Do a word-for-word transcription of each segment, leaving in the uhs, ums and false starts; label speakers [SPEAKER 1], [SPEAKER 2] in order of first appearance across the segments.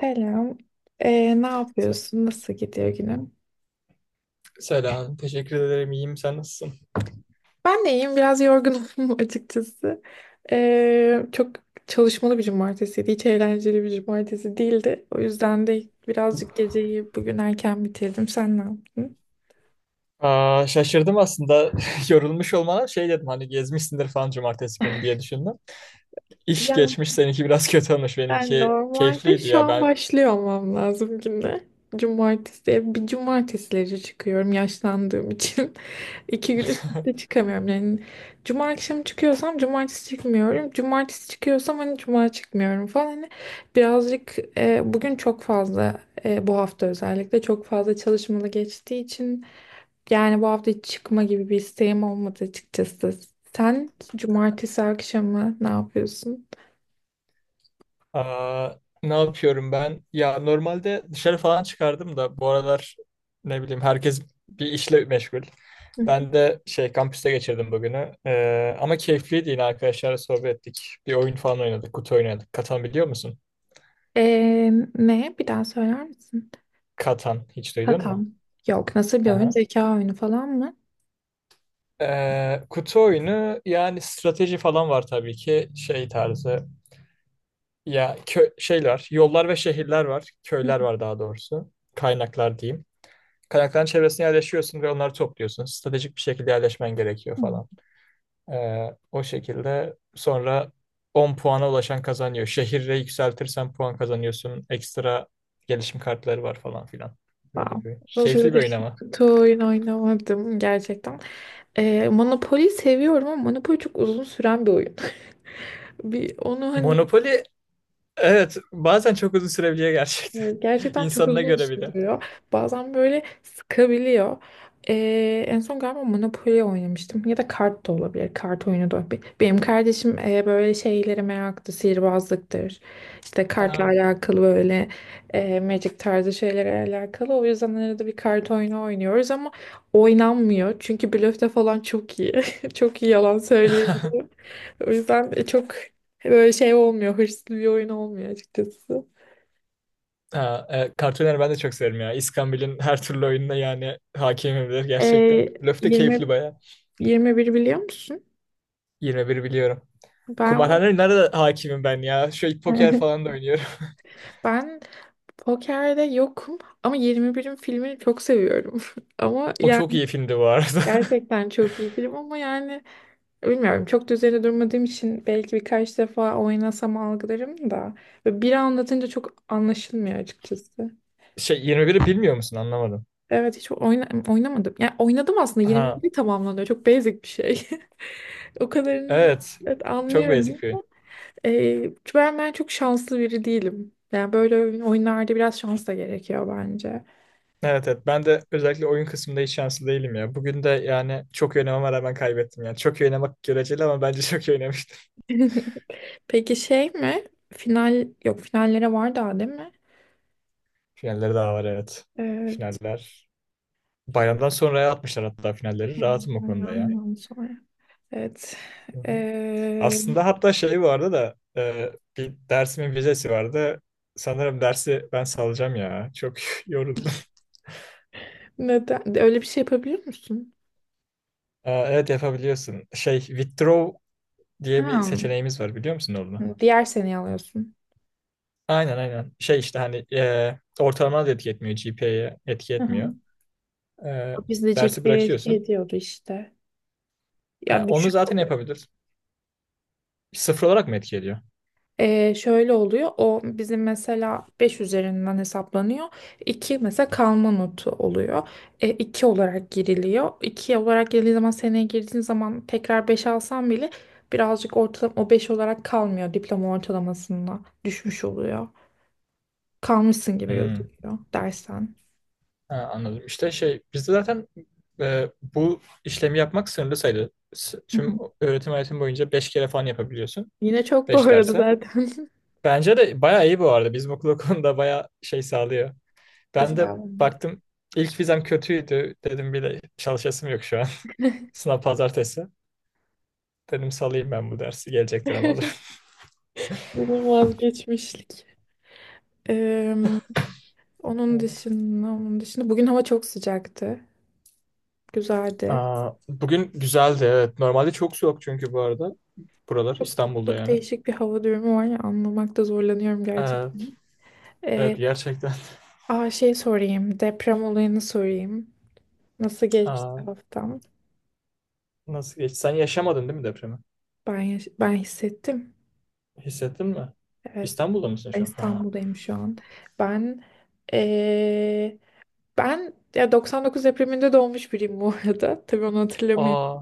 [SPEAKER 1] Selam. Ee, ne
[SPEAKER 2] Se-
[SPEAKER 1] yapıyorsun? Nasıl gidiyor günün?
[SPEAKER 2] Selam. Teşekkür ederim. İyiyim. Sen nasılsın?
[SPEAKER 1] Ben de iyiyim. Biraz yorgunum açıkçası. Ee, çok çalışmalı bir cumartesiydi. Hiç eğlenceli bir cumartesi değildi. O yüzden de birazcık geceyi bugün erken bitirdim. Sen ne yaptın?
[SPEAKER 2] Aa, şaşırdım aslında. Yorulmuş olmana şey dedim hani gezmişsindir falan cumartesi günü diye düşündüm. İş
[SPEAKER 1] Yani
[SPEAKER 2] geçmiş seninki biraz kötü olmuş.
[SPEAKER 1] ben
[SPEAKER 2] Benimki
[SPEAKER 1] normalde
[SPEAKER 2] keyifliydi
[SPEAKER 1] şu
[SPEAKER 2] ya
[SPEAKER 1] an
[SPEAKER 2] ben.
[SPEAKER 1] başlıyor olmam lazım güne. Cumartesi. Bir cumartesileri çıkıyorum yaşlandığım için. İki gün üst üste çıkamıyorum. Yani cuma akşamı çıkıyorsam cumartesi çıkmıyorum. Cumartesi çıkıyorsam hani cuma çıkmıyorum falan. Hani birazcık e, bugün çok fazla e, bu hafta özellikle çok fazla çalışmalı geçtiği için yani bu hafta hiç çıkma gibi bir isteğim olmadı açıkçası. Sen cumartesi akşamı ne yapıyorsun?
[SPEAKER 2] Aa, ne yapıyorum ben? Ya normalde dışarı falan çıkardım da bu aralar ne bileyim herkes bir işle meşgul.
[SPEAKER 1] Hı hı.
[SPEAKER 2] Ben de şey kampüste geçirdim bugünü. Ee, ama keyifliydi yine arkadaşlarla sohbet ettik. Bir oyun falan oynadık. Kutu oynadık. Katan biliyor musun?
[SPEAKER 1] E, ne? Bir daha söyler misin?
[SPEAKER 2] Katan hiç duydun mu?
[SPEAKER 1] Katan. Yok. Nasıl bir oyun?
[SPEAKER 2] Aha.
[SPEAKER 1] Zeka oyunu falan mı?
[SPEAKER 2] Ee, kutu oyunu yani strateji falan var tabii ki şey tarzı ya kö şeyler yollar ve şehirler var köyler var daha doğrusu kaynaklar diyeyim. Kaynakların çevresine yerleşiyorsun ve onları topluyorsun. Stratejik bir şekilde yerleşmen gerekiyor falan. Ee, o şekilde sonra on puana ulaşan kazanıyor. Şehirle yükseltirsen puan kazanıyorsun. Ekstra gelişim kartları var falan filan.
[SPEAKER 1] Wow.
[SPEAKER 2] Böyle bir
[SPEAKER 1] Uzun
[SPEAKER 2] keyifli bir
[SPEAKER 1] süredir
[SPEAKER 2] oyun
[SPEAKER 1] hiç
[SPEAKER 2] ama.
[SPEAKER 1] kutu oyun oynamadım gerçekten. Ee, Monopoly seviyorum ama Monopoly çok uzun süren bir oyun. Bir onu hani
[SPEAKER 2] Monopoly. Evet, bazen çok uzun sürebiliyor
[SPEAKER 1] e,
[SPEAKER 2] gerçekten.
[SPEAKER 1] gerçekten çok
[SPEAKER 2] İnsanına
[SPEAKER 1] uzun
[SPEAKER 2] göre bir de.
[SPEAKER 1] sürüyor. Bazen böyle sıkabiliyor. Ee, en son galiba Monopoly oynamıştım ya da kart da olabilir. Kart oyunu da olabilir. Benim kardeşim e, böyle şeylere meraklı, sihirbazlıktır. İşte kartla
[SPEAKER 2] Ha.
[SPEAKER 1] alakalı böyle e, Magic tarzı şeylere alakalı. O yüzden arada bir kart oyunu oynuyoruz ama oynanmıyor. Çünkü blöfte falan çok iyi. Çok iyi yalan söylüyor. O yüzden çok böyle şey olmuyor, hırslı bir oyun olmuyor açıkçası.
[SPEAKER 2] Ha, e, Cartoon ben de çok severim ya. İskambil'in her türlü oyununa yani hakimim de gerçekten.
[SPEAKER 1] Ee,
[SPEAKER 2] Blöf de keyifli
[SPEAKER 1] yirmi
[SPEAKER 2] baya.
[SPEAKER 1] yirmi bir biliyor musun?
[SPEAKER 2] Yirmi bir biliyorum.
[SPEAKER 1] Ben o-
[SPEAKER 2] Kumarhanenin nerede hakimim ben ya? Şu poker falan da oynuyorum.
[SPEAKER 1] ben pokerde yokum ama yirmi birin filmini çok seviyorum. Ama
[SPEAKER 2] O
[SPEAKER 1] yani
[SPEAKER 2] çok iyi filmdi bu arada.
[SPEAKER 1] gerçekten çok iyi film ama yani bilmiyorum çok da üzerine durmadığım için belki birkaç defa oynasam algılarım da böyle biri anlatınca çok anlaşılmıyor açıkçası.
[SPEAKER 2] Şey yirmi biri bilmiyor musun? Anlamadım.
[SPEAKER 1] Evet hiç oyna oynamadım. Yani oynadım aslında
[SPEAKER 2] Ha,
[SPEAKER 1] yirmi biri tamamlanıyor. Çok basic bir şey. O kadarını
[SPEAKER 2] evet.
[SPEAKER 1] evet,
[SPEAKER 2] Çok basic
[SPEAKER 1] anlıyorum
[SPEAKER 2] bir oyun.
[SPEAKER 1] ama e, ben, ben çok şanslı biri değilim. Yani böyle oyun- oyunlarda biraz şans da gerekiyor bence.
[SPEAKER 2] Evet, evet, ben de özellikle oyun kısmında hiç şanslı değilim ya. Bugün de yani çok iyi oynamama rağmen kaybettim yani. Çok iyi oynamak göreceli ama bence çok iyi oynamıştım.
[SPEAKER 1] Peki şey mi? Final yok finallere var daha değil mi?
[SPEAKER 2] Finalleri daha var evet.
[SPEAKER 1] Evet.
[SPEAKER 2] Finaller. Bayramdan sonraya atmışlar hatta finalleri.
[SPEAKER 1] Tamam,
[SPEAKER 2] Rahatım o konuda ya.
[SPEAKER 1] Bayramdan sonra. Evet.
[SPEAKER 2] Hı hı.
[SPEAKER 1] Ee,
[SPEAKER 2] Aslında hatta şey vardı da e, bir dersimin vizesi vardı. Sanırım dersi ben salacağım ya. Çok yoruldum.
[SPEAKER 1] neden? Öyle bir şey yapabiliyor musun?
[SPEAKER 2] Aa, evet yapabiliyorsun. Şey withdraw diye bir
[SPEAKER 1] Ha.
[SPEAKER 2] seçeneğimiz var biliyor musun onu?
[SPEAKER 1] Diğer seneyi alıyorsun.
[SPEAKER 2] Aynen, aynen. Şey işte hani e, ortalama da etki etmiyor. G P A'ye etki
[SPEAKER 1] Hı hı.
[SPEAKER 2] etmiyor. E,
[SPEAKER 1] Bizde
[SPEAKER 2] dersi
[SPEAKER 1] G P A etki
[SPEAKER 2] bırakıyorsun.
[SPEAKER 1] ediyordu işte.
[SPEAKER 2] Ha,
[SPEAKER 1] Ya
[SPEAKER 2] onu
[SPEAKER 1] düşük
[SPEAKER 2] zaten
[SPEAKER 1] oluyor.
[SPEAKER 2] yapabilir. Sıfır olarak mı etki ediyor?
[SPEAKER 1] Ee, şöyle oluyor. O bizim mesela beş üzerinden hesaplanıyor. İki mesela kalma notu oluyor. E, iki olarak giriliyor. İki olarak girildiği zaman seneye girdiğin zaman tekrar beş alsan bile birazcık ortalama o beş olarak kalmıyor. Diploma ortalamasında düşmüş oluyor. Kalmışsın gibi
[SPEAKER 2] Hmm.
[SPEAKER 1] gözüküyor dersen.
[SPEAKER 2] Ha, anladım. İşte şey bizde zaten e, bu işlemi yapmak sınırlı sayılı. S-
[SPEAKER 1] Hı
[SPEAKER 2] Tüm
[SPEAKER 1] hı.
[SPEAKER 2] öğretim hayatım boyunca beş kere falan yapabiliyorsun.
[SPEAKER 1] Yine çok bu
[SPEAKER 2] beş
[SPEAKER 1] arada
[SPEAKER 2] derse.
[SPEAKER 1] zaten.
[SPEAKER 2] Bence de bayağı iyi bu arada. Bizim okul o konuda bayağı şey sağlıyor. Ben
[SPEAKER 1] Güzel.
[SPEAKER 2] de
[SPEAKER 1] Oldu.
[SPEAKER 2] baktım ilk vizem kötüydü. Dedim bile çalışasım yok şu an. Sınav pazartesi. Dedim salayım ben bu dersi. Gelecek dönem alır.
[SPEAKER 1] Yine vazgeçmişlik. Ee, onun
[SPEAKER 2] Evet.
[SPEAKER 1] dışında, onun dışında bugün hava çok sıcaktı. Güzeldi.
[SPEAKER 2] Aa, bugün güzeldi evet. Normalde çok soğuk çünkü bu arada. Buralar
[SPEAKER 1] Çok,
[SPEAKER 2] İstanbul'da
[SPEAKER 1] çok
[SPEAKER 2] yani.
[SPEAKER 1] değişik bir hava durumu var ya anlamakta zorlanıyorum
[SPEAKER 2] Evet,
[SPEAKER 1] gerçekten.
[SPEAKER 2] evet,
[SPEAKER 1] Ee,
[SPEAKER 2] gerçekten.
[SPEAKER 1] aa şey sorayım. Deprem olayını sorayım. Nasıl geçti
[SPEAKER 2] Aa,
[SPEAKER 1] haftam?
[SPEAKER 2] nasıl geç? Sen yaşamadın değil mi depremi?
[SPEAKER 1] Ben yaş- ben hissettim.
[SPEAKER 2] Hissettin mi?
[SPEAKER 1] Evet.
[SPEAKER 2] İstanbul'da mısın
[SPEAKER 1] Ben
[SPEAKER 2] şu an? Ha.
[SPEAKER 1] İstanbul'dayım şu an. Ben ee, ben ya doksan dokuz depreminde doğmuş biriyim bu arada. Tabii onu hatırlamıyorum.
[SPEAKER 2] Aa.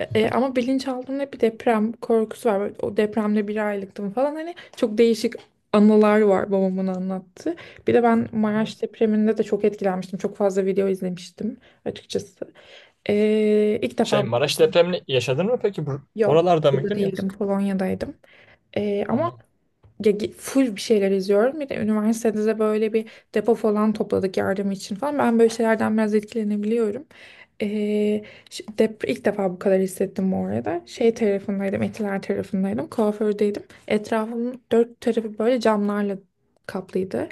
[SPEAKER 1] E, e, ama bilinçaltımda hep bir deprem korkusu var. Böyle o depremde bir aylıktım falan. Hani çok değişik anılar var babamın anlattığı. Bir de ben
[SPEAKER 2] Hı hı.
[SPEAKER 1] Maraş depreminde de çok etkilenmiştim. Çok fazla video izlemiştim açıkçası. E, ilk defa
[SPEAKER 2] Şey
[SPEAKER 1] bu
[SPEAKER 2] Maraş
[SPEAKER 1] kadar.
[SPEAKER 2] depremini yaşadın mı peki? Bur-
[SPEAKER 1] Yok.
[SPEAKER 2] Oralarda
[SPEAKER 1] Burada
[SPEAKER 2] mıydın
[SPEAKER 1] değildim.
[SPEAKER 2] yoksa?
[SPEAKER 1] Polonya'daydım. E, ama
[SPEAKER 2] Ha,
[SPEAKER 1] ya ge- full bir şeyler izliyorum. Bir de üniversitede de böyle bir depo falan topladık yardım için falan. Ben böyle şeylerden biraz etkilenebiliyorum. Ee, ş- dep- ilk defa bu kadar hissettim bu arada. Şey tarafındaydım, Etiler tarafındaydım, kuafördeydim. Etrafımın dört tarafı böyle camlarla kaplıydı.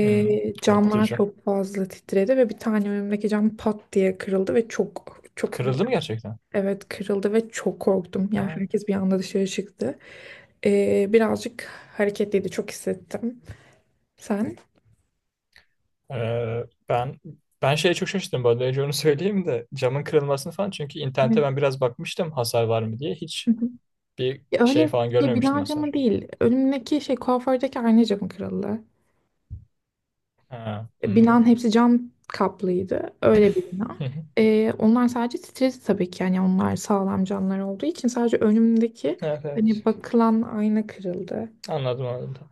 [SPEAKER 2] hmm,
[SPEAKER 1] camlar
[SPEAKER 2] korkutucu.
[SPEAKER 1] çok fazla titredi ve bir tane önümdeki cam pat diye kırıldı ve çok çok
[SPEAKER 2] Kırıldı mı gerçekten?
[SPEAKER 1] evet kırıldı ve çok korktum. Yani
[SPEAKER 2] Ha.
[SPEAKER 1] herkes bir anda dışarı çıktı. Ee, birazcık hareketliydi. Çok hissettim. Sen?
[SPEAKER 2] Ee, ben ben şeye çok şaşırdım bu arada. Önce onu söyleyeyim de camın kırılmasını falan. Çünkü internete
[SPEAKER 1] Evet.
[SPEAKER 2] ben biraz bakmıştım hasar var mı diye. Hiç
[SPEAKER 1] Hı hı.
[SPEAKER 2] bir
[SPEAKER 1] Ya
[SPEAKER 2] şey
[SPEAKER 1] öyle
[SPEAKER 2] falan
[SPEAKER 1] şey
[SPEAKER 2] görmemiştim
[SPEAKER 1] bina camı
[SPEAKER 2] hasar.
[SPEAKER 1] değil. Önümdeki şey kuafördeki ayna camı kırıldı.
[SPEAKER 2] Ha,
[SPEAKER 1] E,
[SPEAKER 2] anladım.
[SPEAKER 1] Binanın hepsi cam kaplıydı. Öyle bir bina.
[SPEAKER 2] Hı hı.
[SPEAKER 1] Ee, onlar sadece titredi tabii ki. Yani onlar sağlam camlar olduğu için sadece önümdeki
[SPEAKER 2] Evet,
[SPEAKER 1] hani
[SPEAKER 2] evet.
[SPEAKER 1] bakılan ayna kırıldı.
[SPEAKER 2] Anladım, anladım.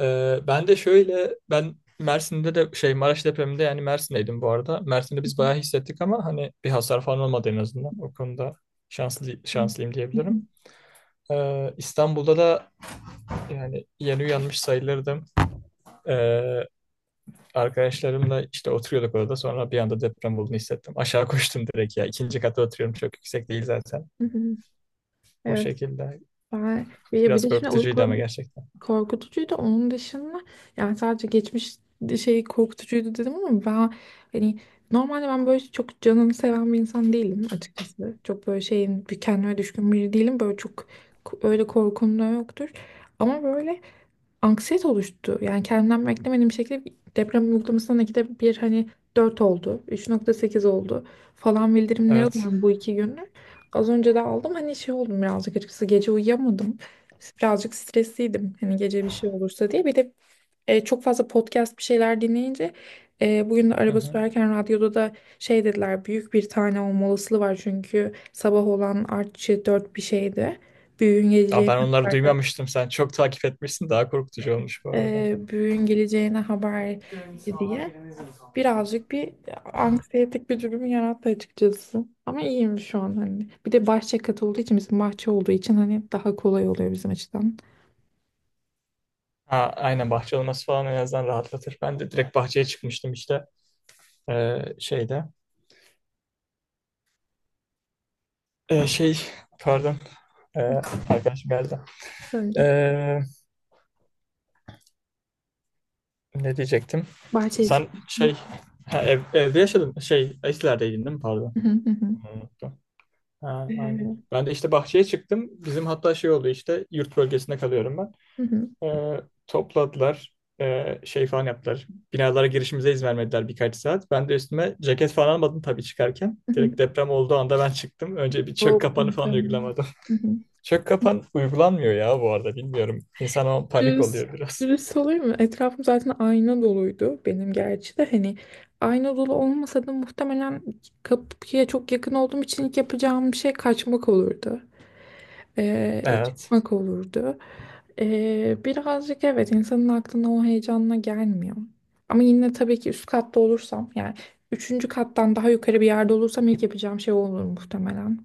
[SPEAKER 2] Ee, ben de şöyle ben Mersin'de de şey Maraş depreminde yani Mersin'deydim bu arada. Mersin'de biz bayağı hissettik ama hani bir hasar falan olmadı en azından. O konuda şanslı
[SPEAKER 1] Hı
[SPEAKER 2] şanslıyım
[SPEAKER 1] hı.
[SPEAKER 2] diyebilirim. Ee, İstanbul'da da yani yeni uyanmış sayılırdım. Ee, arkadaşlarımla işte oturuyorduk orada sonra bir anda deprem olduğunu hissettim. Aşağı koştum direkt ya. İkinci kata oturuyorum çok yüksek değil zaten.
[SPEAKER 1] Hı hı.
[SPEAKER 2] O
[SPEAKER 1] Evet
[SPEAKER 2] şekilde
[SPEAKER 1] ben bir, bir
[SPEAKER 2] biraz
[SPEAKER 1] de şimdi
[SPEAKER 2] korkutucuydu ama
[SPEAKER 1] uyku
[SPEAKER 2] gerçekten.
[SPEAKER 1] korkutucuydu onun dışında yani sadece geçmiş şey korkutucuydu dedim ama ben hani normalde ben böyle çok canını seven bir insan değilim açıkçası çok böyle şeyin bir kendime düşkün biri değilim böyle çok k- öyle korkum da yoktur ama böyle anksiyete oluştu. Yani kendimden beklemediğim bir şekilde deprem uygulamasından ikide bir hani dört oldu, üç nokta sekiz oldu falan bildirimleri
[SPEAKER 2] Evet.
[SPEAKER 1] alıyorum bu iki gündür. Az önce de aldım hani şey oldum birazcık açıkçası gece uyuyamadım. Birazcık stresliydim hani gece bir şey olursa diye. Bir de e, çok fazla podcast bir şeyler dinleyince e, bugün de
[SPEAKER 2] Hı
[SPEAKER 1] araba
[SPEAKER 2] hı.
[SPEAKER 1] sürerken radyoda da şey dediler büyük bir tane olma olasılığı var çünkü sabah olan artçı dört bir şeydi. Büyüğün
[SPEAKER 2] Ya
[SPEAKER 1] geleceği
[SPEAKER 2] ben onları duymamıştım. Sen çok takip etmişsin. Daha korkutucu olmuş bu arada.
[SPEAKER 1] e, büyüğün geleceğine haber diye birazcık bir anksiyetik bir durum yarattı açıkçası. Ama iyiyim şu an hani. Bir de bahçe katı olduğu için bizim bahçe olduğu için hani daha kolay oluyor bizim açıdan.
[SPEAKER 2] Ha, aynen bahçe olması falan en azından rahatlatır. Ben de direkt bahçeye çıkmıştım işte. Ee, şeyde. Ee, şey, pardon. Ee, arkadaşım geldi.
[SPEAKER 1] Sonra
[SPEAKER 2] Ee, ne diyecektim?
[SPEAKER 1] bahçeye
[SPEAKER 2] Sen şey
[SPEAKER 1] çıkmıştım.
[SPEAKER 2] ha, ev- evde yaşadın şey Eskilerdeydim değil mi? Pardon.
[SPEAKER 1] Hı hı hı.
[SPEAKER 2] Onu unuttum. Ha, aynen. Ben de işte bahçeye çıktım. Bizim hatta şey oldu işte yurt bölgesinde kalıyorum ben.
[SPEAKER 1] Hı hı.
[SPEAKER 2] Ee, topladılar. Ee, şey falan yaptılar. Binalara girişimize izin vermediler birkaç saat. Ben de üstüme ceket falan almadım tabii çıkarken.
[SPEAKER 1] Hı hı.
[SPEAKER 2] Direkt deprem olduğu anda ben çıktım. Önce bir çök
[SPEAKER 1] Soğuk
[SPEAKER 2] kapanı falan
[SPEAKER 1] muhtemelen.
[SPEAKER 2] uygulamadım. Çök kapan uygulanmıyor ya bu arada bilmiyorum. İnsan o an panik
[SPEAKER 1] Dürüst,
[SPEAKER 2] oluyor biraz.
[SPEAKER 1] dürüst olayım mı? Etrafım zaten ayna doluydu benim gerçi de hani ayna dolu olmasa da muhtemelen kapıya çok yakın olduğum için ilk yapacağım şey kaçmak olurdu. Ee,
[SPEAKER 2] Evet.
[SPEAKER 1] çıkmak olurdu. Ee, birazcık evet insanın aklına o heyecanla gelmiyor. Ama yine tabii ki üst katta olursam yani üçüncü kattan daha yukarı bir yerde olursam ilk yapacağım şey olur muhtemelen.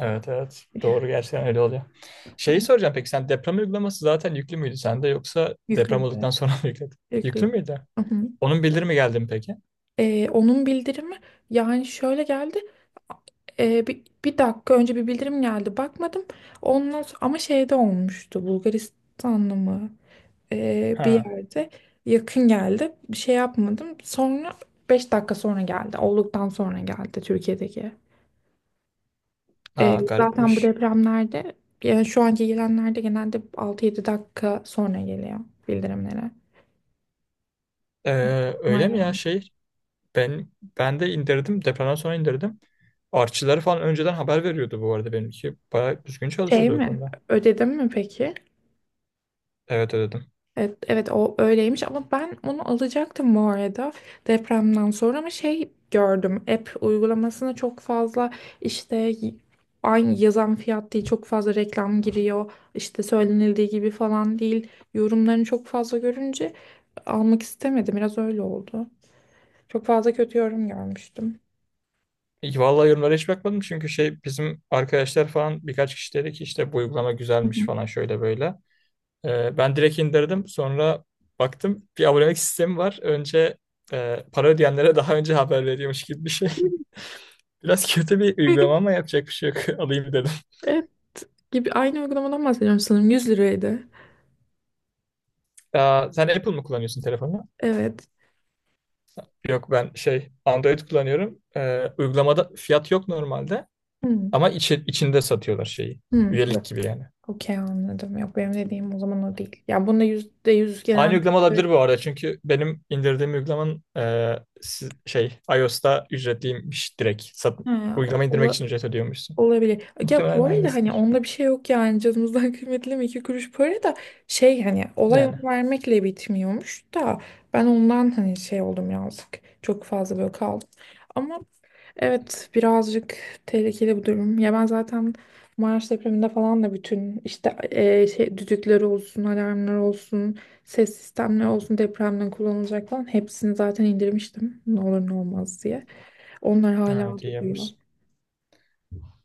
[SPEAKER 2] Evet, evet. Doğru gerçekten öyle oluyor. Şeyi soracağım peki sen deprem uygulaması zaten yüklü müydü sende yoksa
[SPEAKER 1] Yüklü
[SPEAKER 2] deprem
[SPEAKER 1] bir de.
[SPEAKER 2] olduktan sonra mı yükledin?
[SPEAKER 1] Yüklü
[SPEAKER 2] Yüklü
[SPEAKER 1] bir de.
[SPEAKER 2] müydü? Onun bildirimi geldi mi peki?
[SPEAKER 1] Ee, onun bildirimi yani şöyle geldi. Ee, bir, bir dakika önce bir bildirim geldi. Bakmadım. Ondan sonra, ama şeyde olmuştu. Bulgaristan'da mı? Ee, bir
[SPEAKER 2] Ha.
[SPEAKER 1] yerde yakın geldi. Bir şey yapmadım. Sonra beş dakika sonra geldi. Olduktan sonra geldi Türkiye'deki. Ee,
[SPEAKER 2] Ha
[SPEAKER 1] zaten bu
[SPEAKER 2] garipmiş.
[SPEAKER 1] depremlerde yani şu anki gelenlerde genelde altı yedi dakika sonra geliyor bildirimlere.
[SPEAKER 2] Ee,
[SPEAKER 1] Ama
[SPEAKER 2] öyle mi ya
[SPEAKER 1] yani
[SPEAKER 2] şey? Ben ben de indirdim. Depremden sonra indirdim. Artçıları falan önceden haber veriyordu bu arada benimki. Bayağı düzgün
[SPEAKER 1] şey
[SPEAKER 2] çalışıyordu o
[SPEAKER 1] mi?
[SPEAKER 2] konuda.
[SPEAKER 1] Ödedim mi peki?
[SPEAKER 2] Evet ödedim.
[SPEAKER 1] Evet, evet o öyleymiş ama ben onu alacaktım bu arada depremden sonra ama şey gördüm app uygulamasına çok fazla işte y- aynı yazan fiyat değil çok fazla reklam giriyor işte söylenildiği gibi falan değil yorumlarını çok fazla görünce almak istemedim biraz öyle oldu. Çok fazla kötü yorum görmüştüm.
[SPEAKER 2] İyi, vallahi yorumlara hiç bakmadım çünkü şey bizim arkadaşlar falan birkaç kişi dedi ki işte bu uygulama
[SPEAKER 1] Hı
[SPEAKER 2] güzelmiş
[SPEAKER 1] hı.
[SPEAKER 2] falan şöyle böyle. Ee, ben direkt indirdim. Sonra baktım bir abonelik sistemi var. Önce e, para ödeyenlere daha önce haber veriyormuş gibi bir şey. Biraz kötü bir uygulama ama yapacak bir şey yok. Alayım dedim.
[SPEAKER 1] Evet gibi aynı uygulamadan bahsediyorum sanırım yüz liraydı.
[SPEAKER 2] Aa, sen Apple mı kullanıyorsun telefonu?
[SPEAKER 1] Evet.
[SPEAKER 2] Yok ben şey Android kullanıyorum. Ee, uygulamada fiyat yok normalde
[SPEAKER 1] Hmm.
[SPEAKER 2] ama içi- içinde satıyorlar şeyi.
[SPEAKER 1] Hmm.
[SPEAKER 2] Üyelik gibi yani.
[SPEAKER 1] Okey anladım. Yok benim dediğim o zaman o değil. Ya bunda yüzde yüz
[SPEAKER 2] Aynı
[SPEAKER 1] genel
[SPEAKER 2] uygulama olabilir bu arada çünkü benim indirdiğim uygulamanın e, si- şey iOS'ta ücretliymiş direkt. Sat,
[SPEAKER 1] ha,
[SPEAKER 2] uygulama indirmek
[SPEAKER 1] ola-
[SPEAKER 2] için ücret ödüyormuşsun.
[SPEAKER 1] olabilir. Ya bu
[SPEAKER 2] Muhtemelen
[SPEAKER 1] arada hani
[SPEAKER 2] aynısıdır.
[SPEAKER 1] onda bir şey yok yani canımızdan kıymetli mi iki kuruş para da şey hani olay
[SPEAKER 2] Yani
[SPEAKER 1] onu vermekle bitmiyormuş da ben ondan hani şey oldum yazık. Çok fazla böyle kaldım. Ama. Evet, birazcık tehlikeli bu durum. Ya ben zaten Maraş depreminde falan da bütün işte e, şey, düdükleri olsun, alarmlar olsun, ses sistemleri olsun depremden kullanılacak falan hepsini zaten indirmiştim. Ne olur ne olmaz diye. Onlar hala
[SPEAKER 2] evet iyi
[SPEAKER 1] duruyor.
[SPEAKER 2] yapmışsın.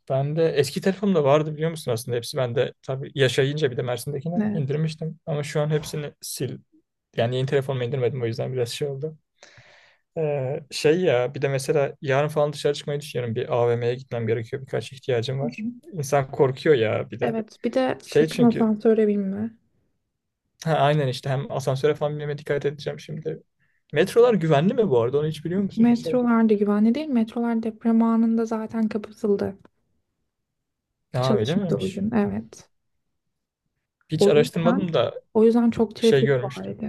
[SPEAKER 2] Ben de eski telefonumda vardı biliyor musun aslında hepsi. Ben de tabii yaşayınca bir de Mersin'dekini
[SPEAKER 1] Evet.
[SPEAKER 2] indirmiştim. Ama şu an hepsini sil. Yani yeni telefonuma indirmedim o yüzden biraz şey oldu. Ee, şey ya bir de mesela yarın falan dışarı çıkmayı düşünüyorum. Bir A V M'ye gitmem gerekiyor. Birkaç ihtiyacım
[SPEAKER 1] Hı hı.
[SPEAKER 2] var. İnsan korkuyor ya bir de.
[SPEAKER 1] Evet, bir de
[SPEAKER 2] Şey
[SPEAKER 1] sakın
[SPEAKER 2] çünkü
[SPEAKER 1] asansöre binme.
[SPEAKER 2] ha, aynen işte hem asansöre falan binmeme dikkat edeceğim şimdi. Metrolar güvenli mi bu arada? Onu hiç biliyor musun mesela?
[SPEAKER 1] Metrolar da güvenli değil. Metrolar deprem anında zaten kapatıldı.
[SPEAKER 2] Aa, öyle
[SPEAKER 1] Çalışmadı o
[SPEAKER 2] miymiş?
[SPEAKER 1] gün. Evet.
[SPEAKER 2] Hiç
[SPEAKER 1] O yüzden
[SPEAKER 2] araştırmadım da
[SPEAKER 1] o yüzden çok
[SPEAKER 2] şey
[SPEAKER 1] trafik
[SPEAKER 2] görmüştüm.
[SPEAKER 1] vardı.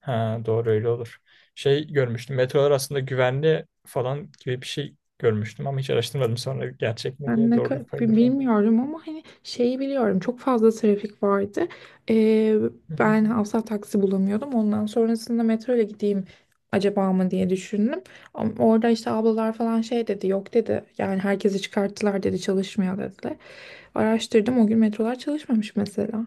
[SPEAKER 2] Ha, doğru öyle olur. Şey görmüştüm. Metrolar aslında güvenli falan gibi bir şey görmüştüm ama hiç araştırmadım sonra gerçek mi
[SPEAKER 1] Ben
[SPEAKER 2] diye
[SPEAKER 1] ne ka-
[SPEAKER 2] doğruluk payını
[SPEAKER 1] bi-
[SPEAKER 2] falan.
[SPEAKER 1] bilmiyorum ama hani şeyi biliyorum çok fazla trafik vardı. Ee,
[SPEAKER 2] Hı hı.
[SPEAKER 1] ben asla taksi bulamıyordum. Ondan sonrasında metro ile gideyim acaba mı diye düşündüm. Ama orada işte ablalar falan şey dedi yok dedi. Yani herkesi çıkarttılar dedi çalışmıyor dediler. Araştırdım o gün metrolar çalışmamış mesela.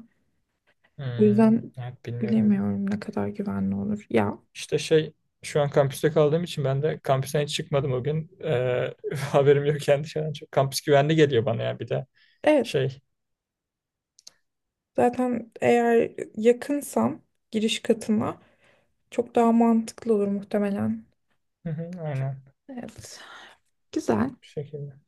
[SPEAKER 1] O
[SPEAKER 2] Hmm,
[SPEAKER 1] yüzden
[SPEAKER 2] evet bilmiyorum.
[SPEAKER 1] bilemiyorum ne kadar güvenli olur. Ya
[SPEAKER 2] İşte şey şu an kampüste kaldığım için ben de kampüsten hiç çıkmadım o gün. Ee, haberim yok kendi dışarıdan çok. Kampüs güvenli geliyor bana ya bir de
[SPEAKER 1] evet
[SPEAKER 2] şey.
[SPEAKER 1] zaten eğer yakınsam giriş katına çok daha mantıklı olur muhtemelen.
[SPEAKER 2] Hı hı, aynen
[SPEAKER 1] Evet. Güzel.
[SPEAKER 2] bu şekilde.